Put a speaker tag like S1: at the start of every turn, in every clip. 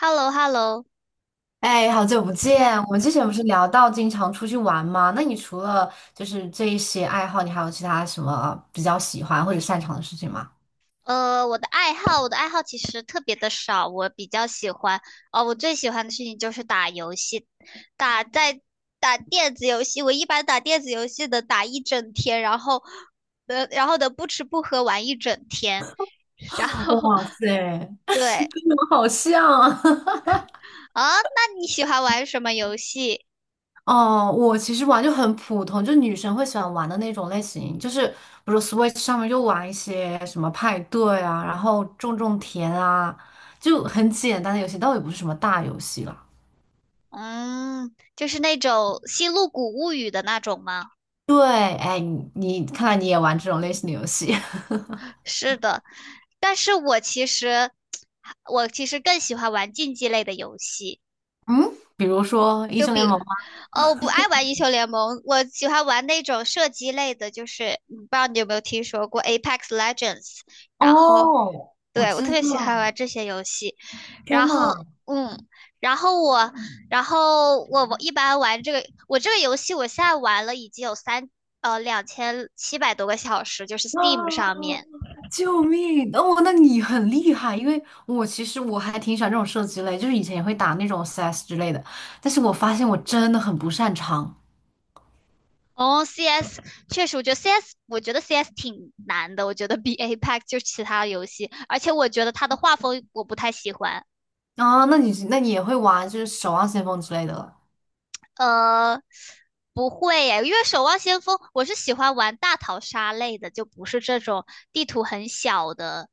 S1: h e l l o h e l l o。
S2: 哎，好久不见！我们之前不是聊到经常出去玩吗？那你除了这一些爱好，你还有其他什么比较喜欢或者擅长的事情吗？
S1: 我的爱好其实特别的少，我比较喜欢，哦，我最喜欢的事情就是打游戏，打在打电子游戏，我一般打电子游戏的打一整天，然后，然后的不吃不喝玩一整天，然后
S2: 哇塞，我
S1: 对。
S2: 们好像啊！
S1: 啊，那你喜欢玩什么游戏？
S2: 哦，我其实玩就很普通，就女生会喜欢玩的那种类型，就是比如 Switch 上面就玩一些什么派对啊，然后种种田啊，就很简单的游戏，倒也不是什么大游戏了。
S1: 嗯，就是那种《星露谷物语》的那种吗？
S2: 对，哎，你看来你也玩这种类型的游戏，
S1: 是的，但是我其实更喜欢玩竞技类的游戏。
S2: 嗯，比如说英
S1: 就
S2: 雄
S1: 比，
S2: 联盟。
S1: 哦，我不爱玩英雄联盟，我喜欢玩那种射击类的，就是不知道你有没有听说过 Apex Legends,然后，
S2: 哦，我
S1: 对，我
S2: 知
S1: 特别喜
S2: 道，
S1: 欢玩这些游戏。
S2: 天
S1: 然
S2: 呐，
S1: 后，嗯，然后我，然后我一般玩这个，我这个游戏我现在玩了已经有2700多个小时，就是 Steam 上
S2: 啊，
S1: 面。
S2: 救命！哦，那你很厉害，因为我其实还挺喜欢这种射击类，就是以前也会打那种 CS 之类的，但是我发现我真的很不擅长
S1: 哦，CS 确实，我觉得 CS 挺难的，我觉得比 Apex 就是其他游戏，而且我觉得它的画风我不太喜欢。
S2: 啊。那你也会玩就是守望先锋之类的了
S1: 呃，不会耶，因为《守望先锋》我是喜欢玩大逃杀类的，就不是这种地图很小的，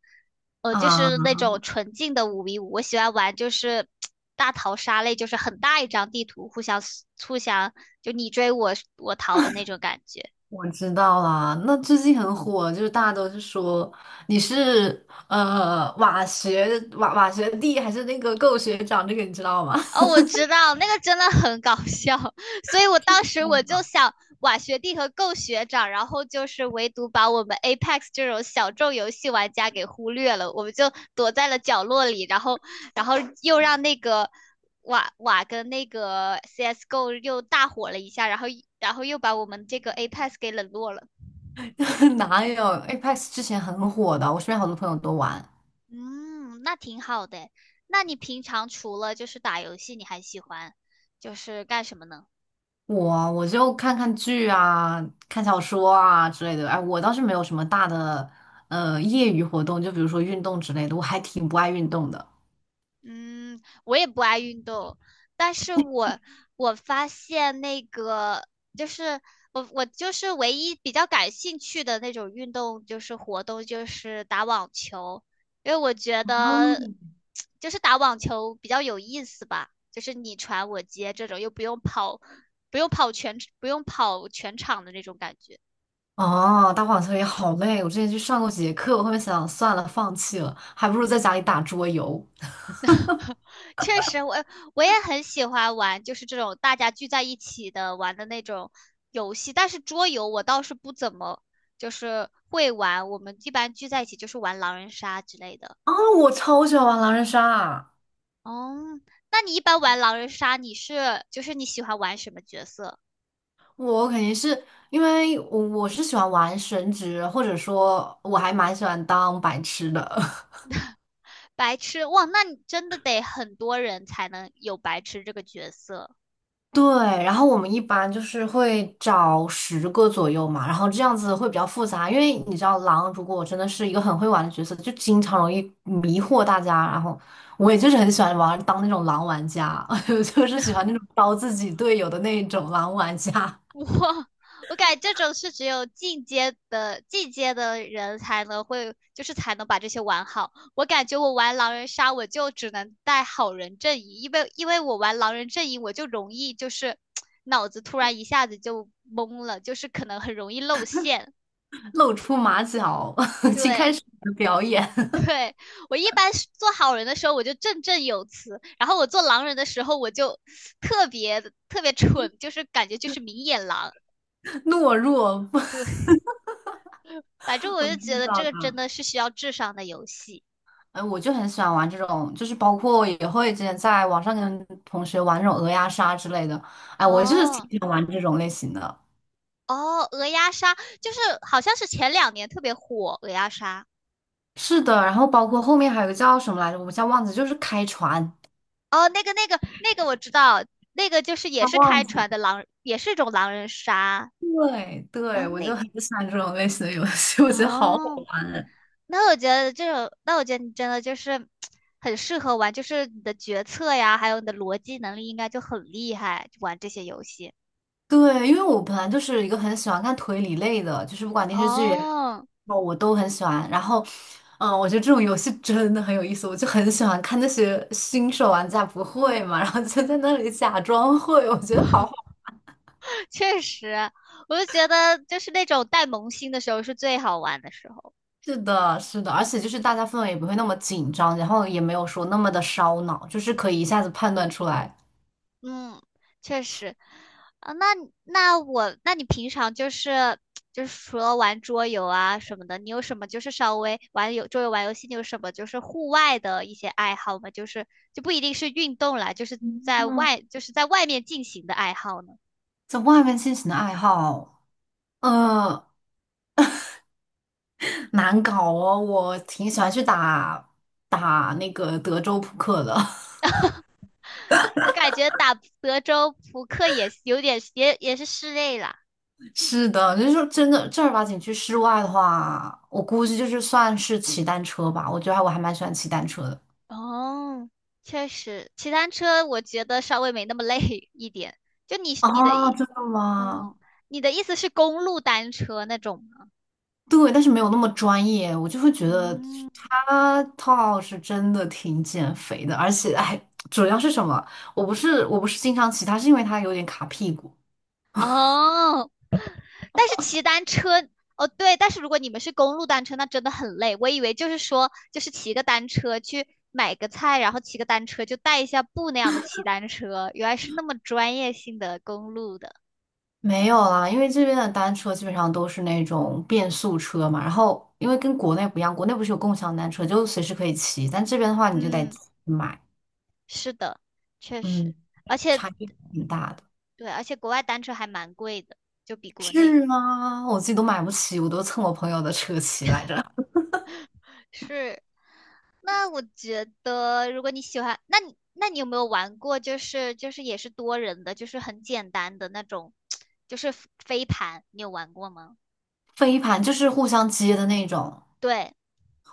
S1: 就
S2: 啊？
S1: 是那种纯净的5v5。我喜欢玩就是大逃杀类，就是很大一张地图，互相就你追我逃的那种感觉。
S2: 我知道啦，那最近很火，就是大家都是说你是瓦学学弟还是那个够学长，这个你知道吗？
S1: 哦，我知道那个真的很搞笑，所以我当时我就想，瓦学弟和 Go 学长，然后就是唯独把我们 Apex 这种小众游戏玩家给忽略了，我们就躲在了角落里，然后又让那个瓦瓦跟那个 CS:GO 又大火了一下，然后又把我们这个 Apex 给冷落了。
S2: 哪有， Apex 之前很火的，我身边好多朋友都玩。
S1: 嗯，那挺好的。那你平常除了就是打游戏，你还喜欢就是干什么呢？
S2: 我就看看剧啊，看小说啊之类的。哎，我倒是没有什么大的业余活动，就比如说运动之类的，我还挺不爱运动的。
S1: 嗯，我也不爱运动，但是我发现那个就是我就是唯一比较感兴趣的那种运动就是活动就是打网球，因为我觉得
S2: 哦
S1: 就是打网球比较有意思吧，就是你传我接这种又不用跑，不用跑全场的那种感觉。
S2: 哦，打网球也好累，我之前去上过几节课，我后面想想算了，放弃了，还不如在家里打桌游。
S1: 确实，我也很喜欢玩，就是这种大家聚在一起的玩的那种游戏。但是桌游我倒是不怎么就是会玩，我们一般聚在一起就是玩狼人杀之类的。
S2: 啊，我超喜欢玩狼人杀啊，
S1: 哦，那你一般玩狼人杀，你是就是你喜欢玩什么角色？
S2: 我肯定是因为我是喜欢玩神职，或者说我还蛮喜欢当白痴的。
S1: 白痴，哇，那你真的得很多人才能有白痴这个角色。
S2: 对，然后我们一般就是会找十个左右嘛，然后这样子会比较复杂，因为你知道狼如果真的是一个很会玩的角色，就经常容易迷惑大家。然后我也就是很喜欢玩当那种狼玩家，就是喜欢那种刀自己队友的那种狼玩家，
S1: 我我感觉这种是只有进阶的人才能会，就是才能把这些玩好。我感觉我玩狼人杀，我就只能带好人阵营，因为我玩狼人阵营，我就容易就是脑子突然一下子就懵了，就是可能很容易露馅。
S2: 露出马脚，请开
S1: 对，
S2: 始你的表演，
S1: 对，我一般是做好人的时候我就振振有词，然后我做狼人的时候我就特别特别蠢，就是感觉就是明眼狼。
S2: 懦弱，
S1: 对，反正我
S2: 我
S1: 就觉
S2: 知
S1: 得这
S2: 道。
S1: 个
S2: 的。
S1: 真的是需要智商的游戏。
S2: 哎，我就很喜欢玩这种，就是包括我也会之前在网上跟同学玩那种鹅鸭杀之类的。哎，我就是
S1: 哦
S2: 挺喜欢玩这种类型的。
S1: 哦，鹅鸭杀就是好像是前2年特别火，鹅鸭杀。
S2: 是的，然后包括后面还有个叫什么来着，我们叫忘记，就是开船，
S1: 哦，那个我知道，那个就是也
S2: 叫
S1: 是
S2: 忘
S1: 开
S2: 记。
S1: 船的狼，也是一种狼人杀。
S2: 对
S1: 然
S2: 对，
S1: 后
S2: 我就
S1: 那
S2: 很喜欢这种类型的游戏，我觉得好好
S1: 哦，
S2: 玩。
S1: 那我觉得你真的就是很适合玩，就是你的决策呀，还有你的逻辑能力应该就很厉害，玩这些游戏。
S2: 对，因为我本来就是一个很喜欢看推理类的，就是不管电视剧也
S1: 哦，
S2: 好我都很喜欢。然后，嗯，我觉得这种游戏真的很有意思，我就很喜欢看那些新手玩家不会嘛，然后就在那里假装会，我觉得好好。
S1: 确实，我就觉得就是那种带萌新的时候是最好玩的时候。
S2: 是的，是的，而且就是大家氛围也不会那么紧张，然后也没有说那么的烧脑，就是可以一下子判断出来。
S1: 嗯，确实。啊，那你平常就是除了玩桌游啊什么的，你有什么就是稍微桌游玩游戏，你有什么就是户外的一些爱好吗？就是就不一定是运动啦，就是在外面进行的爱好呢？
S2: 在外面进行的爱好，呃，难搞哦，我挺喜欢去打那个德州扑克的。
S1: 就感觉打德州扑克也有点也是室内啦。
S2: 是的，就是说真的正儿八经去室外的话，我估计就是算是骑单车吧。我觉得还我还蛮喜欢骑单车的。
S1: 哦，确实，骑单车我觉得稍微没那么累 一点。就你你的
S2: 啊，
S1: 意，
S2: 真的吗？
S1: 哦，你的意思是公路单车那种吗？
S2: 对，但是没有那么专业，我就会觉得
S1: 嗯，
S2: 他套是真的挺减肥的，而且还主要是什么？我不是经常骑它，是因为它有点卡屁股。
S1: 哦，但是骑单车，哦对，但是如果你们是公路单车，那真的很累。我以为就是说，就是骑个单车去买个菜，然后骑个单车就带一下步那样的骑单车，原来是那么专业性的公路的。
S2: 没有啦，因为这边的单车基本上都是那种变速车嘛，然后因为跟国内不一样，国内不是有共享单车，就随时可以骑，但这边的话你就得
S1: 嗯，
S2: 自己买。
S1: 是的，确实。
S2: 嗯。
S1: 而且
S2: 差距挺大的。
S1: 对，而且国外单车还蛮贵的，就比国内。
S2: 是吗？我自己都买不起，我都蹭我朋友的车骑来着。
S1: 是，那我觉得，如果你喜欢，那你有没有玩过，就是也是多人的，就是很简单的那种，就是飞盘，你有玩过吗？
S2: 飞盘就是互相接的那种，
S1: 对，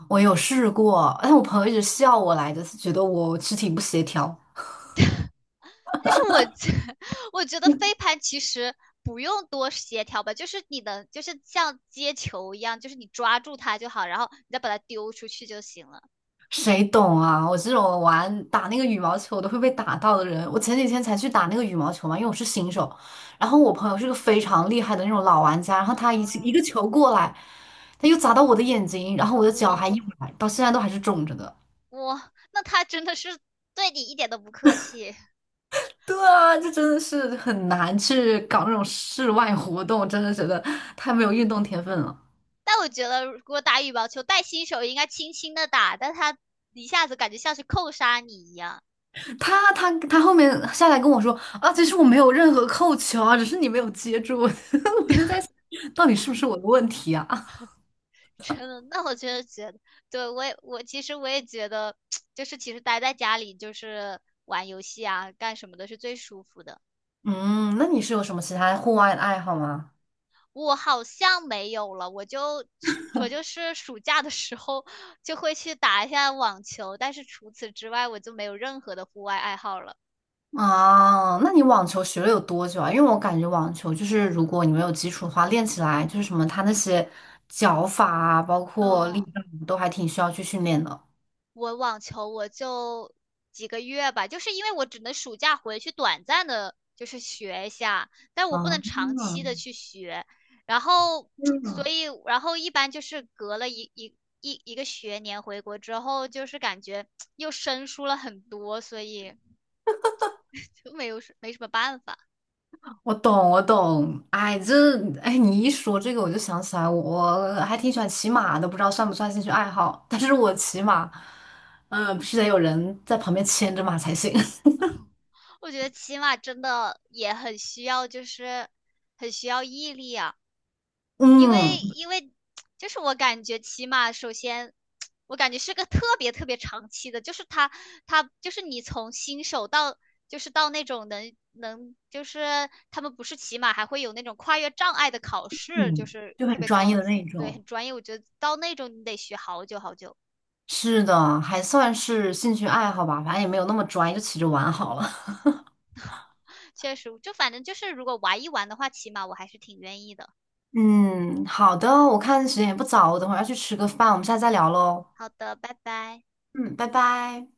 S2: 我有试过，但我朋友一直笑我来着，是觉得我肢体不协调。
S1: 但是我觉 我觉得飞盘其实不用多协调吧，就是你能就是像接球一样，就是你抓住它就好，然后你再把它丢出去就行了。
S2: 谁懂啊？我这种玩打那个羽毛球都会被打到的人，我前几天才去打那个羽毛球嘛，因为我是新手。然后我朋友是个非常厉害的那种老玩家，然后他一
S1: 嗯，
S2: 个球过来，他又砸到我的眼睛，然后我的脚
S1: 我
S2: 还一崴，到现在都还是肿着的。
S1: 我那他真的是对你一点都不客气。
S2: 对啊，这真的是很难去搞那种室外活动，真的觉得太
S1: 嗯，
S2: 没有运动天分了。
S1: 但我觉得，如果打羽毛球，带新手应该轻轻的打，但他一下子感觉像是扣杀你一样，
S2: 他后面下来跟我说啊，其实我没有任何扣球啊，只是你没有接住，我就在想，到底是不是我的问题啊？
S1: 真的。那我真的觉得，对我其实我也觉得，就是其实待在家里就是玩游戏啊，干什么的是最舒服的。
S2: 嗯，那你是有什么其他户外的爱好吗？
S1: 我好像没有了，我就是暑假的时候就会去打一下网球，但是除此之外我就没有任何的户外爱好了。
S2: 啊，那你网球学了有多久啊？因为我感觉网球就是如果你没有基础的话，练起来就是什么，它那些脚法啊，包括力
S1: 嗯。
S2: 量都还挺需要去训练的。
S1: 我网球我就几个月吧，就是因为我只能暑假回去短暂的，就是学一下，但我不
S2: 啊，
S1: 能长期的去学。然后，所
S2: 嗯。
S1: 以，然后一般就是隔了一个学年回国之后，就是感觉 又生疏了很多，所以 就没有什没什么办法。
S2: 我懂，我懂。哎，这哎，你一说这个，我就想起来，我还挺喜欢骑马的，不知道算不算兴趣爱好。但是我骑马，嗯、必须得有人在旁边牵着马才行。
S1: 我觉得骑马真的也很需要，就是很需要毅力啊。因为
S2: 嗯
S1: 因为就是我感觉起码首先，我感觉是个特别特别长期的，就是他就是你从新手到就是到那种能就是他们不是骑马还会有那种跨越障碍的考试，就
S2: 嗯，
S1: 是
S2: 就
S1: 特
S2: 很
S1: 别
S2: 专业
S1: 高
S2: 的
S1: 级，
S2: 那
S1: 对，
S2: 种。
S1: 很专业。我觉得到那种你得学好久好久，
S2: 是的，还算是兴趣爱好吧，反正也没有那么专业，就骑着玩好了。
S1: 确实，就反正就是如果玩一玩的话，骑马我还是挺愿意的。
S2: 嗯，好的，我看时间也不早，我等会儿要去吃个饭，我们下次再聊喽。
S1: 好的，拜拜。
S2: 嗯，拜拜。